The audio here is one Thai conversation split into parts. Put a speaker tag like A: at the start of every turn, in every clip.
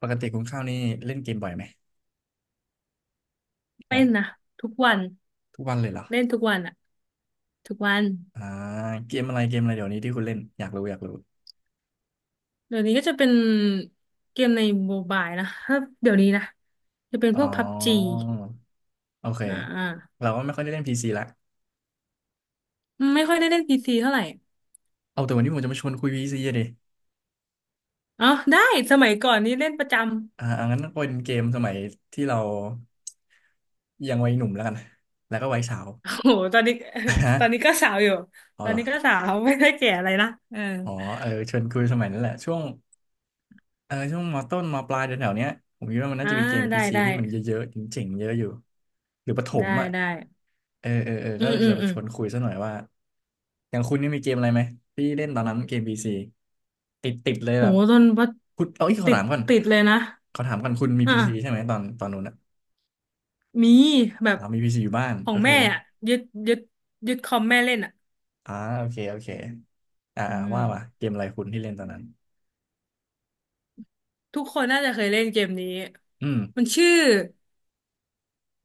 A: ปกติคุณข้าวนี่เล่นเกมบ่อยไหม
B: เป็
A: ฮะ
B: นนะทุกวัน
A: ทุกวันเลยเหรอ
B: เล่นทุกวันอะทุกวัน
A: อ่าเกมอะไรเกมอะไรเดี๋ยวนี้ที่คุณเล่นอยากรู้อยากรู้
B: เดี๋ยวนี้ก็จะเป็นเกมในโมบายนะถ้าเดี๋ยวนี้นะจะเป็น
A: อ๋
B: พวกพับจี
A: อโอเค
B: อ่า
A: เราก็ไม่ค่อยได้เล่นพีซีละ
B: ไม่ค่อยได้เล่นพีซีเท่าไหร่
A: เอาแต่วันนี้ผมจะมาชวนคุยพีซีดิ
B: อ๋อได้สมัยก่อนนี่เล่นประจำ
A: อ่าอ่างั้นก็เป็นเกมสมัยที่เรายังวัยหนุ่มแล้วกันแล้วก็วัยสาว
B: โอ้โหตอนนี้
A: ฮะ
B: ตอนนี้ก็สาวอยู่
A: อ๋อ
B: ตอน
A: เหรอ
B: นี้ก็สาวไม่ได้แก่อะไรนะเออ
A: อ๋อเออชวนคุยสมัยนั้นแหละช่วงเออช่วงมต้นมปลายแถวๆเนี้ยผมคิดว่ามันน่า
B: อ่า
A: จะมีเกมพี
B: ได้
A: ซี
B: ได้
A: ที่มันเยอะๆจริงๆเยอะอยู่หรือประถ
B: ได้
A: มอ่ะ
B: ได้
A: เออเออเออ
B: อื
A: ก็
B: ม
A: เลย
B: อื
A: จะ
B: ม
A: มา
B: อื
A: ช
B: ม
A: วนคุยซะหน่อยว่าอย่างคุณนี่มีเกมอะไรไหมที่เล่นตอนนั้นเกมพีซีติดติดเลย
B: โห
A: แบบ
B: ตอนว่า
A: คุณเอาอีกขอ
B: ติด
A: ถามก่อน
B: ติดเลยนะ
A: ขอถามก่อนคุณมี
B: อ
A: พีซีใช่ไหม
B: ่า
A: ตอนตอนนู้นอ่ะ
B: มีแบบ
A: เรามีพีซีอยู่บ้าน
B: ขอ
A: โอ
B: ง
A: เค
B: แม่อ่ะยึดยึดยึดคอมแม่เล่นอ่ะ
A: อ่าโอเคโอเคอ่า
B: อื
A: อ่า
B: ม
A: ว่ามาเกมอะไรคุณที่เล่นตอนนั้น
B: ทุกคนน่าจะเคยเล่นเกมนี้
A: อืม
B: มันชื่อ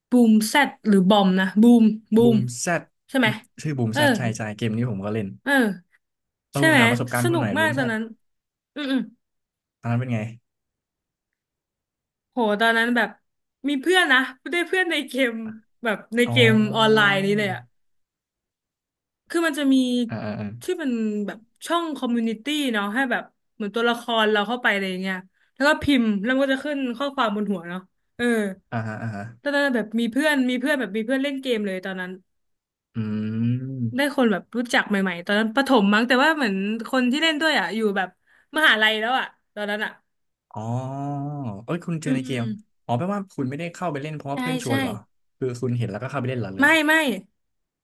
B: บูมแซดหรือบอมนะบูมบู
A: บู
B: ม
A: มแซด
B: ใช่ไหม
A: ชื่อบูม
B: เอ
A: แซ
B: อ
A: ดใช่ใช่เกมนี้ผมก็เล่น
B: เออ
A: เออ
B: ใช่
A: ผม
B: ไหม
A: ถามประสบการ
B: ส
A: ณ์คุณ
B: นุ
A: ห
B: ก
A: น่อยบู
B: มาก
A: ม
B: ต
A: แซ
B: อน
A: ด
B: นั้นอืมอืม
A: ตอนนั้นเป็นไง
B: โหตอนนั้นแบบมีเพื่อนนะได้เพื่อนในเกมแบบใน
A: อ๋
B: เกมออนไล
A: อ
B: น์นี้เลยอ่ะ คือมันจะมี
A: อ่าอ่าอ่า
B: ที่เป็นแบบช่องคอมมูนิตี้เนาะให้แบบเหมือนตัวละครเราเข้าไปอะไรอย่างเงี้ยแล้วก็พิมพ์แล้วมันก็จะขึ้นข้อความบนหัวเนาะเออ
A: อ่าฮะอ่าฮะ
B: ตอนนั้นแบบมีเพื่อนแบบมีเพื่อนเล่นเกมเลยตอนนั้น
A: อื
B: ได้
A: ม
B: คนแบบรู้จักใหม่ๆตอนนั้นประถมมั้งแต่ว่าเหมือนคนที่เล่นด้วยอ่ะอยู่แบบมหาลัยแล้วอ่ะตอนนั้นอ่ะ
A: อ๋อเอ้ยคุณเจ
B: อื
A: อในเกม
B: ม
A: อ๋อแปลว่าคุณไม่ได้เข้าไปเล่นเพราะว่า
B: ใช่
A: เพื่อนชวน
B: ใช่
A: เหรอคือคุณเห็นแล้วก็เข้าไปเล่นเหรอเล
B: ไม่
A: ย
B: ไม่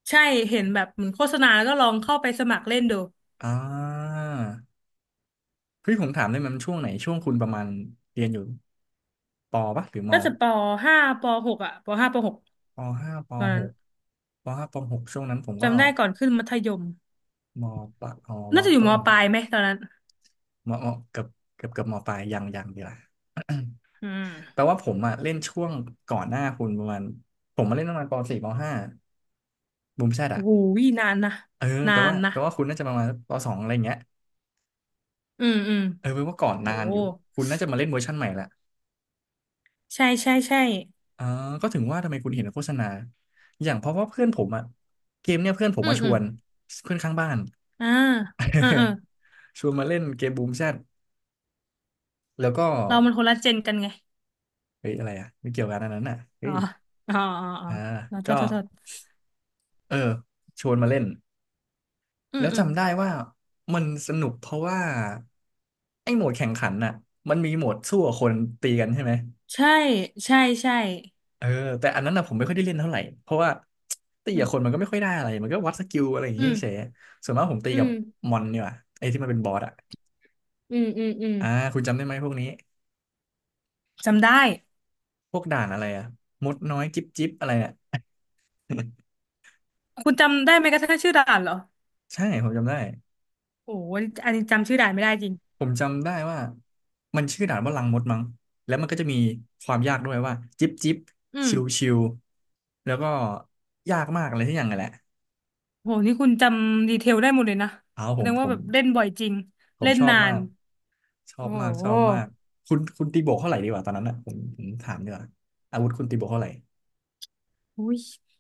B: ใช่เห็นแบบเหมือนโฆษณาแล้วก็ลองเข้าไปสมัครเล่นดู
A: อ่าเฮ้ยผมถามได้ไหมมันช่วงไหนช่วงคุณประมาณเรียนอยู่ปปะหรือม
B: ก็จะปห้าปหกอ่ะปห้าปหก
A: ปห้าป
B: ตอน
A: ห
B: นั้น
A: กปห้าปหกช่วงนั้นผมก็
B: จำได้ก่อนขึ้นมัธยม
A: มปะอ๋อม
B: น่าจะอยู่
A: ต้
B: ม
A: น
B: ปลายไหมตอนนั้น
A: มมเกือบเกือบเกือบมปลายยังยังดีละ
B: อืม
A: แปลว่าผมอะเล่นช่วงก่อนหน้าคุณประมาณผมมาเล่นประมาณปสี่ปห้าบูมแชทอะ
B: โอ้โหนานนะ
A: เออ
B: นา
A: แปล
B: น
A: ว่า
B: นะ
A: แปลว่าคุณน่าจะประมาณปสองอะไรอย่างเงี้ย
B: อืมอืม
A: เออเป็นว่าก่อน
B: โห
A: นานอยู่คุณน่าจะมาเล่นเวอร์ชันใหม่ละ
B: ใช่ใช่ใช่
A: อ๋อก็ถึงว่าทำไมคุณเห็นโฆษณาอย่างเพราะว่าเพื่อนผมอะเกมเนี่ยเพื่อนผม
B: อืม
A: มาช
B: อืม
A: วนเพื่อนข้างบ้าน
B: อ่าเออเออ
A: ชวนมาเล่นเกมบูมแชทแล้วก็
B: เรามันคนละเจนกันไง
A: เฮ้ยอะไรอะไม่เกี่ยวกันอันนั้นอะ
B: อ๋
A: เฮ้
B: อ
A: ย
B: อ๋ออ๋ออ๋อ
A: อ่า
B: อ๋อโท
A: ก็
B: ษโทษโทษ
A: เออชวนมาเล่น
B: อื
A: แล้
B: ม
A: ว
B: อืม
A: จำได้ว่ามันสนุกเพราะว่าไอ้โหมดแข่งขันน่ะมันมีโหมดสู้กับคนตีกันใช่ไหม
B: ใช่ใช่ใช่
A: เออแต่อันนั้นนะผมไม่ค่อยได้เล่นเท่าไหร่เพราะว่าตี
B: อื
A: กับคนมั
B: ม
A: นก็ไม่ค่อยได้อะไรมันก็วัดสกิลอะไรอย่าง
B: อื
A: งี้เฉย
B: ม
A: ส่วนมากผมตี
B: อื
A: กับ
B: ม
A: มอนเนี่ยไอ้ที่มันเป็นบอสอ่ะ
B: อืมอืมอืม
A: อ่าคุณจำได้ไหมพวกนี้
B: จำได้
A: พวกด่านอะไรอ่ะมดน้อยจิ๊บจิ๊บอะไรอ่ะ
B: คุณจำได้ไหมกระทั่งชื่อด่านเหรอ
A: ใช่ผมจำได้
B: โอ้โหอันนี้จำชื่อด่านไม่ได้จริง
A: ผมจำได้ว่ามันชื่อด่านว่าลังมดมั้งแล้วมันก็จะมีความยากด้วยว่าจิ๊บจิ๊บ
B: อืม
A: ชิวชิวแล้วก็ยากมากอะไรที่อย่างนั้นแหละ
B: โหนี่คุณจำดีเทลได้หมดเลยนะ
A: เอา
B: แส
A: ผ
B: ด
A: ม
B: ง
A: ผ
B: ว่าแบ
A: ม
B: บเล่นบ่อยจริง
A: ผม
B: เล่น
A: ชอบ
B: นา
A: มา
B: น
A: ก ชอ
B: โอ้
A: บมากช
B: โห
A: อบมากคุณคุณตีโบกเท่าไหร่ดีกว่าตอนนั้นอ่ะผมถามดีกว่าอาวุธคุณตีโบกเท่าไหร่
B: อุ้ย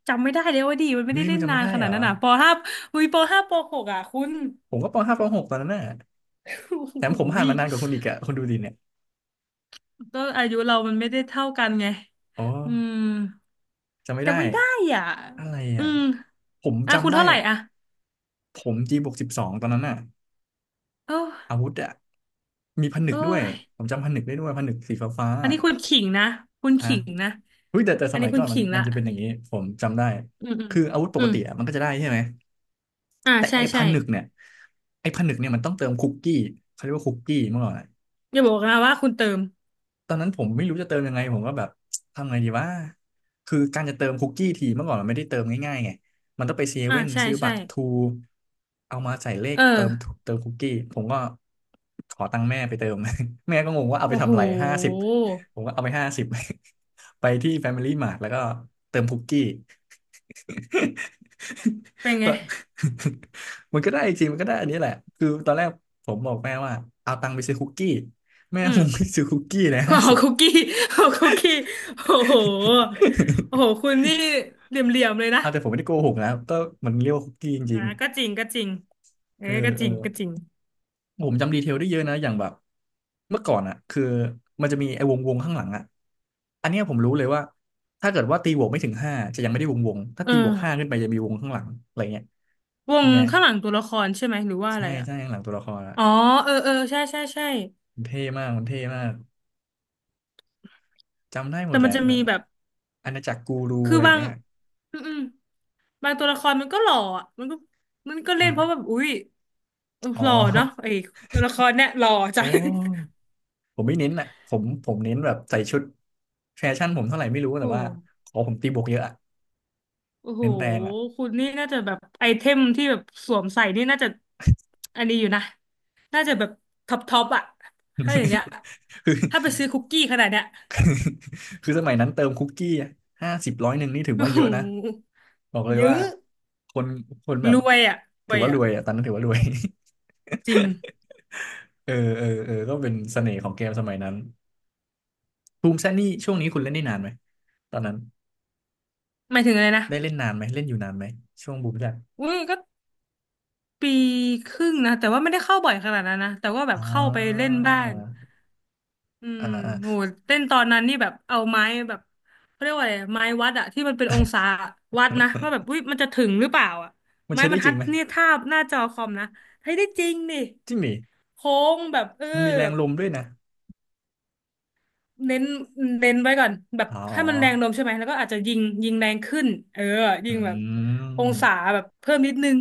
B: จำไม่ได้เลยว่าดีมันไม่
A: เฮ้
B: ได้
A: ยคุ
B: เล่
A: ณ
B: น
A: จำ
B: นา
A: ไม่
B: น
A: ได้
B: ข
A: เห
B: นา
A: ร
B: ด
A: อ
B: นั้นอ่ะปห้าอุ้ยปห้าปหกอ่ะคุณ
A: ผมก็ปห้าปหกตอนนั้นน่ะ
B: โอุ้
A: แถม
B: โห
A: ผมผ่าน
B: ย
A: มานานกว่าคุณอีกอะคุณดูดิเนี่ย
B: ก็อายุเรามันไม่ได้เท่ากันไง
A: อ๋อ
B: อืม
A: จำไม่ได้
B: จำไม่ได้อ่ะ
A: อะไร
B: อื
A: อ่ะ
B: ม
A: ผม
B: อ่ะคุ
A: จำ
B: ณ
A: ได้
B: เท่าไหร่อ่ะ
A: ผมจีบวก12ตอนนั้นน่ะ
B: โ
A: อา
B: อ้
A: วุธอ่ะมีผนึก
B: โอ้
A: ด้วย
B: ย
A: ผมจำผนึกได้ด้วยผนึกสีฟ้าฟ้า
B: อันนี้คุณขิงนะคุณ
A: อ่ะ
B: ขิงนะ
A: เฮ้ยแต่แต่
B: อั
A: ส
B: น
A: มั
B: นี้
A: ย
B: คุ
A: ก่อ
B: ณ
A: นมัน
B: ขิง
A: มั
B: ละ
A: นจะเป็นอย่างนี้ผมจำได้
B: อืมอืม
A: คืออาวุธป
B: อื
A: ก
B: ม
A: ติอะมันก็จะได้ใช่ไหม
B: อ่า
A: แต่
B: ใช่
A: ไอ้ผ
B: ใช่
A: นึกเนี่ยไอ้ผนึกเนี่ยมันต้องเติมคุกกี้เขาเรียกว่าคุกกี้เมื่อก่อนอะ
B: อย่าบอกนะว่าคุณเติม
A: ตอนนั้นผมไม่รู้จะเติมยังไงผมก็แบบทำไงดีว่าคือการจะเติมคุกกี้ทีเมื่อก่อนมันไม่ได้เติมง่ายๆไงมันต้องไปเซ
B: อ่า
A: เว่น
B: ใช่
A: ซื้อบั
B: ใช่
A: ตรทรูเอามาใส่เลข
B: เออ
A: เติมเติมคุกกี้ผมก็ขอตังค์แม่ไปเติม แม่ก็งงว่าเอาไป
B: โอ้โห
A: ทำอะไรห้าสิบผมก็เอาไปห้าสิบ ไปที่ Family Mart แล้วก็เติมคุกกี้
B: เป็น
A: ต
B: ไง
A: อน มันก็ได้จริงมันก็ได้อันนี้แหละคือตอนแรกผมบอกแม่ว่าเอาตังค์ไปซื้อคุกกี้แม่
B: อื
A: ผ
B: ม
A: มไปซื้อคุกกี้เลย
B: ข
A: ห้า
B: อ
A: สิบ
B: คุกกี้ ขอคุกกี้โอ้โหโอ้โหคุ ณนี่เหลี่ยมๆเลยนะ
A: เอาแต่ผมไม่ได้โกหกนะก็มันเรียกว่าคุกกี้จ
B: อ่า
A: ริง
B: ก็จริงก็จริง
A: ๆ
B: เอ้
A: เออ
B: ยก็
A: เอ
B: จ
A: อ
B: ริงก็จริง
A: ผมจำดีเทลได้เยอะนะอย่างแบบเมื่อก่อนอ่ะคือมันจะมีไอ้วงวงข้างหลังอ่ะอันเนี้ยผมรู้เลยว่าถ้าเกิดว่าตีบวกไม่ถึงห้าจะยังไม่ได้วงวงถ้า
B: เอ
A: ตีบวกห้า
B: อ
A: ขึ้นไปจะมีวงข้างหลังอะไรเงี้ย
B: ว
A: ยั
B: ง
A: งไง
B: ข้างหลังตัวละครใช่ไหมหรือว่าอะ
A: ใช่
B: ไรอ่ะ
A: ใช่ข้างหลังตัวละครอะ
B: อ๋อเออเออใช่ใช่ใช่
A: มันเท่มากมันเท่มากจำได้หม
B: แต่
A: ดแห
B: มัน
A: ละ
B: จะมีแบบ
A: อาณาจักรกูรู
B: คือ
A: อะไรอย่า
B: บา
A: ง
B: ง
A: เงี้ย
B: อืมอืมบางตัวละครมันก็หล่ออ่ะมันก็มันก็เล่นเพราะแบ
A: นะ
B: บอุ๊ย
A: อ๋อ
B: หล่อเนาะไอ้ตัวละครเนี่ยหล่อจั
A: โอ้
B: ง
A: ผมไม่เน้นอ่ะผมเน้นแบบใส่ชุดแฟชั่นผมเท่าไหร่ไม่รู้แต่
B: โอ้
A: ว่าขอผมตีบวกเยอะอะ
B: โอ้โห
A: เน้นแรงอ่ะ
B: คุณนี่น่าจะแบบไอเทมที่แบบสวมใส่นี่น่าจะอันนี้อยู่นะ น่าจะแบบท็อปท็อปอะถ้าอย่างเงี้ย
A: ค
B: ถ้าไป
A: ือ
B: ซื้อคุกกี้ขนาดเนี้ย
A: คือสมัยนั้นเติมคุกกี้ห้าสิบ100นี่ถือ
B: โอ้
A: ว่าเย
B: โห
A: อะนะบอกเลย
B: เย
A: ว่า
B: อะ
A: คนคนแบ
B: ร
A: บ
B: วยอะร
A: ถื
B: ว
A: อ
B: ย
A: ว่าร
B: อะ
A: วยอ่ะตอนนั้นถือว่ารวย
B: จริง
A: เออเออเออก็เป็นเสน่ห์ของเกมสมัยนั้นภูมิแซนนี่ช่วงนี้คุณเล่นได้นานไหมตอนนั้น
B: หมายถึงอะไรนะ
A: ได้เล่นนานไหมเล่นอยู่นานไหมช่วงบูมแลบ
B: อือก็ปีครึ่งนะ แต่ว่าไม่ได้เข้าบ่อยขนาดนั้นนะ แต่ว่าแบ
A: อ่
B: บเข้าไปเล่
A: า
B: นบ้าง อื
A: อ่า
B: ม
A: อ่า
B: โหเต้นตอนนั้นนี่แบบเอาไม้แบบเขาเรียกว่าอะไรไม้วัดอะที่มันเป็นองศาวัดนะว่าแบบอุ้ยมันจะถึงหรือเปล่าอะ
A: มัน
B: ไม้
A: ใช้
B: บร
A: ได้
B: ร
A: จ
B: ทั
A: ริง
B: ด
A: ไหม
B: เนี่ยทาบหน้าจอคอมนะเฮ้ยได้จริงนี่
A: จริงดิ
B: โค้งแบบเออ
A: มันมีแร
B: แบ
A: ง
B: บ
A: ลมด้วยนะ
B: เน้นเน้นไว้ก่อนแบบ
A: อ๋
B: ให้มันแรง
A: อ
B: ลมใช่ไหมแล้วก็อาจจะยิงแรงขึ้นเออยิงแบบ
A: อื
B: องศา
A: ม
B: แบบเพิ่มนิดนึง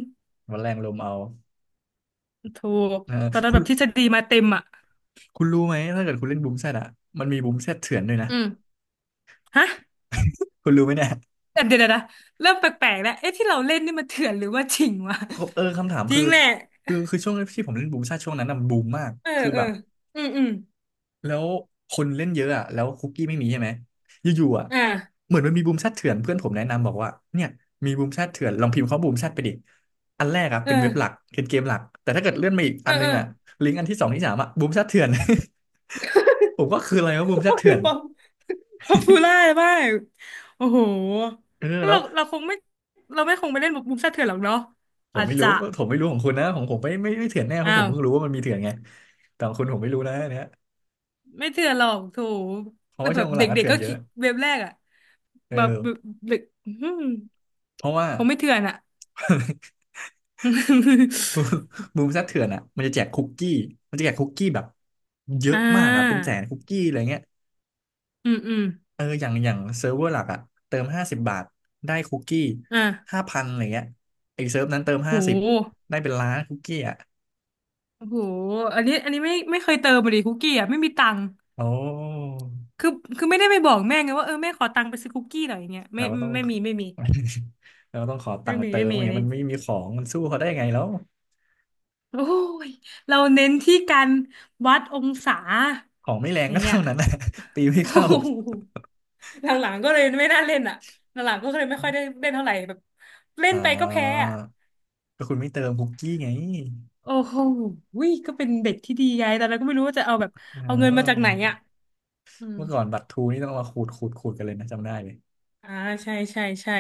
A: มันแรงลมเอา
B: ถูก
A: เออ
B: ตอนนั้น
A: คุ
B: แบ
A: ณ
B: บทฤษฎีมาเต็มอะ
A: คุณรู้ไหมถ้าเกิดคุณเล่นบูมแซดอ่ะมันมีบูมแซดเถื่อนด้วยนะ
B: อืมฮะ
A: คุณรู้ไหมเนี่ย
B: แต่เดี๋ยวนะเริ่มแปลกๆแล้วเอ๊ะที่เราเล่นนี่มันเถื่อนหรือว่าจริงวะ
A: เออคำถาม
B: จริ
A: คือ
B: งแหละ
A: คือช่วงที่ผมเล่นบูมแซดช่วงนั้นน่ะมันบูมมาก
B: เออ
A: คือ
B: เอ
A: แบ
B: อ
A: บ
B: อืมอืม
A: แล้วคนเล่นเยอะอ่ะแล้วคุกกี้ไม่มีใช่ไหมอยู่ๆอ่ะ
B: อ่า
A: เหมือนมันมีบูมแชทเถื่อนเพื่อนผมแนะนำบอกว่าเนี่ยมีบูมแชทเถื่อนลองพิมพ์เขาบูมแชทไปดิอันแรกอ่ะ
B: เอ
A: เป็นเว็บหลั
B: อ
A: กเป็นเกมหลักแต่ถ้าเกิดเลื่อนมาอีก
B: เอ
A: อั
B: อ
A: นนึ
B: เอ
A: ง
B: อ
A: อ่ะลิงก์อันที่สองที่สามอ่ะบูมแชทเถื่อน ผมก็คืออะไรวะบูมแช
B: ก็
A: ทเถื่
B: คือ
A: อน
B: ป๊อปปูล่ามากโอ้โห
A: เออแล้
B: เรา
A: ว
B: เราคงไม่เราไม่คงไปเล่นมุมซ่าเถื่อนหรอกเนาะ
A: ผม
B: อาจ
A: ไม่รู้
B: จะ
A: ผมไม่รู้ของคุณนะของผมไม่เถื่อนแน่เพ
B: อ้า
A: ราะผม
B: ว
A: เพิ่งรู้ว่ามันมีเถื่อนไงแต่ของคุณผมไม่รู้นะอันเนี่ย
B: ไม่เถื่อนหรอกโถ
A: เพราะ
B: แล้ว
A: ว่า
B: แบ
A: ช่วง
B: บ
A: หลังก็
B: เด็ก
A: เถื่
B: ๆ
A: อน
B: ก็
A: เย
B: คิ
A: อะ
B: ดเว็บแรกอะ
A: เอ
B: แบบแบ
A: อ
B: บเด็กอื้อหือ
A: เพราะว่า
B: คงไม่เถื่อนอะ
A: บู มบูมซัดเถื่อนอ่ะมันจะแจกคุกกี้มันจะแจกคุกกี้แบบเย
B: อ่
A: อะมากอ่ะเป็น
B: า
A: 100,000คุกกี้อะไรเงี้ย
B: อืมอืม
A: เอออย่างอย่างเซิร์ฟเวอร์หลักอ่ะเติม50 บาทได้คุกกี้
B: อ่า
A: 5,000อะไรเงี้ยไอ้เซิร์ฟนั้นเติม
B: โ
A: ห้าสิบ
B: ห
A: ได้เป็น1,000,000คุกกี้อ่ะ
B: โอ้โหอันนี้อันนี้ไม่เคยเติมเลยดิคุกกี้อ่ะไม่มีตังค์
A: โอ้
B: คือคือไม่ได้ไปบอกแม่ไงว่าเออแม่ขอตังค์ไปซื้อคุกกี้หน่อยอย่างเงี้ยไม่
A: เราก็ต้อง
B: ไม่มีไม่มี
A: เราก็ต้องขอตั
B: ไม่
A: งค์มา
B: มี
A: เติ
B: ไม่
A: มอ
B: มี
A: ย่าง
B: อัน
A: เงี้ย
B: นี้
A: มันไม่มีของมันสู้เขาได้ไงแล้ว
B: โอ้ยเราเน้นที่การวัดองศา
A: ของไม่แรง
B: อย่าง
A: ก็
B: เงี้ย
A: เท่านั้นนะ ตี
B: โอ้
A: ไม่เข้า
B: โห หลังๆก็เลยไม่น่าเล่นอ่ะหลังๆก็เลยไม่ค่อยได้เล่นเท่าไหร่แบบเล่น
A: อ่า
B: ไปก็แพ้อ่ะ
A: ก็คุณไม่เติมคุกกี้ไง
B: โอ้โหวยก็เป็นเด็กที่ดีไงแต่เราก็ไม่รู้ว่าจะเอาแบบ
A: อ้า
B: เอาเงินมาจาก
A: ว
B: ไหนอ่ะอืม
A: เมื่อก่อนบัตรทูนี่ต้องมาขูดขูดขูดกันเลยนะจำได้เลย
B: อ่าใช่ใช่ใช่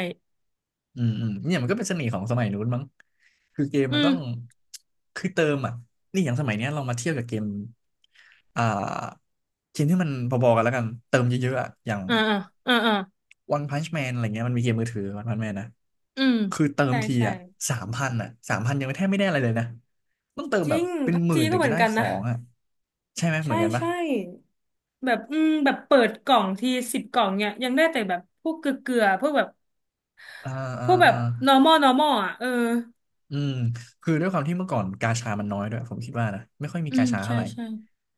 A: อืมอืมเนี่ยมันก็เป็นเสน่ห์ของสมัยนู้นมั้งคือเกม
B: อื
A: มัน
B: ม
A: ต้องคือเติมอ่ะนี่อย่างสมัยเนี้ยเรามาเทียบกับเกมอ่าเกมที่มันพอๆกันแล้วกันเติมเยอะๆอะอย่าง
B: อ่าอ่าอ่า
A: One Punch Man อะไรเงี้ยมันมีเกมมือถือ One Punch Man นะ
B: อืม
A: คือเติม
B: ใช่
A: ที
B: ใช่
A: อ่ะสามพันอ่ะสามพันยังไม่แทบไม่ได้อะไรเลยนะต้องเติม
B: จ
A: แบ
B: ริ
A: บ
B: ง
A: เป็น
B: พับ
A: หมื่
B: จี
A: นถึ
B: ก็
A: ง
B: เหมื
A: จะ
B: อน
A: ได้
B: กัน
A: ขอ
B: นะ
A: งอ่ะใช่ไหมเหมือ
B: ใช่
A: นกันปะ
B: ใช่แบบอืมแบบเปิดกล่องที10 กล่องเนี่ยยังได้แต่แบบพวกเกลือๆพวกแบบ
A: อ่า
B: พ
A: อ่า
B: วกแบ
A: อ่า
B: บ normal normal อ่ะเออ
A: อืมคือด้วยความที่เมื่อก่อนกาชามันน้อยด้วยผมคิดว่านะไม่ค่อยมี
B: อื
A: กา
B: ม
A: ชาเท่า
B: ใช่
A: ไหร่
B: ใช่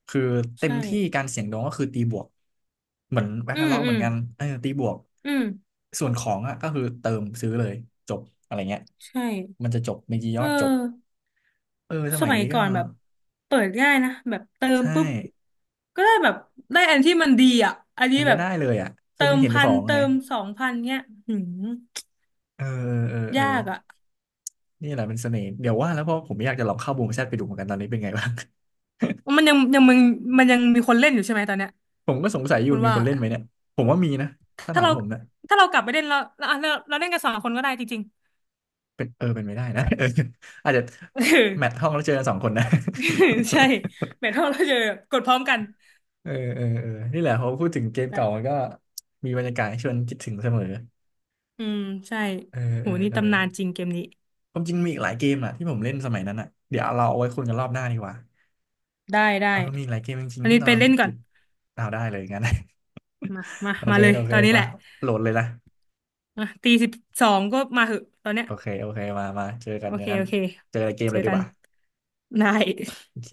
A: คือเต็
B: ใช
A: มที่กา
B: ่
A: รเสี่ยงดวงก็คือตีบวกเหมือนแบง
B: อื
A: ค์
B: ม
A: ล็อก
B: อื
A: เหมือ
B: ม
A: นกันเออตีบวก
B: อืม
A: ส่วนของอ่ะก็คือเติมซื้อเลยจบอะไรเงี้ย
B: ใช่
A: มันจะจบมีกี่ย
B: เอ
A: อดจบ
B: อ
A: เออส
B: ส
A: มัย
B: มัย
A: นี้ก็
B: ก่อนแบบเปิดง่ายนะแบบเติม
A: ใช่
B: ปุ๊บก็ได้แบบได้อันที่มันดีอ่ะอันนี้
A: มัน
B: แบ
A: ก็
B: บ
A: ได้เลยอ่ะคือ
B: เติ
A: มัน
B: ม
A: เห็น
B: พั
A: ข
B: น
A: อง
B: เติ
A: ไง
B: ม2,000เงี้ยหืม
A: เออเออเออ
B: ยากอ่ะ
A: นี่แหละเป็นเสน่ห์เดี๋ยวว่าแล้วเพราะผมอยากจะลองเข้าบูมแชทไปดูเหมือนกันตอนนี้เป็นไงบ้าง
B: มันยังยังมึงมันยังมีคนเล่นอยู่ใช่ไหมตอนเนี้ย
A: ผมก็สงสัยอยู่
B: คุณ
A: มี
B: ว่า
A: คนเล่นไหมเนี่ยผมว่ามีนะถ้า
B: ถ้า
A: ถาม
B: เรา
A: ผมนะ
B: ถ้าเรากลับไปเล่นแล้วเราเล่นกันสองคนก็ได้จริง
A: เป็นเออเป็นไม่ได้นะ เอออาจจะ
B: ๆ เออ
A: แมทห้องแล้วเจอกัน2 คนนะ
B: ใช่แมทเท่าเราจะกดพร้อมกัน
A: เออเออเออนี่แหละพอพูดถึงเกม
B: แหละ
A: เก่ามันก็มีบรรยากาศให้ชวนคิดถึงเสมอ
B: อืมใช่
A: เออ
B: โห
A: เออ
B: นี่
A: เออ
B: ตำนานจริงเกมนี้
A: ความจริงมีอีกหลายเกมอ่ะที่ผมเล่นสมัยนั้นอ่ะเดี๋ยวเราเอาไว้คุยกันรอบหน้าดีกว่า
B: ได้ได้
A: เออมีอีกหลายเกมจริง
B: อัน
A: ๆที่
B: นี้
A: ตอน
B: ไป
A: นั้น
B: เล่นก่อ
A: ติ
B: น
A: ดเอาได้เลยงั้น
B: มามา
A: โอ
B: มา
A: เค
B: เลย
A: โอเค
B: ตอนนี้แห
A: มา
B: ละ
A: โหลดเลยนะ
B: มาตีสิบสองก็มาเหอะตอนเนี้ย
A: โอเคโอเคมามาเจอกั
B: โอ
A: นอย่า
B: เค
A: งนั้น
B: โอเค
A: เจอในเกม
B: เจ
A: เล
B: อ
A: ยดี
B: กั
A: ก
B: น
A: ว่า
B: ได้
A: โอเค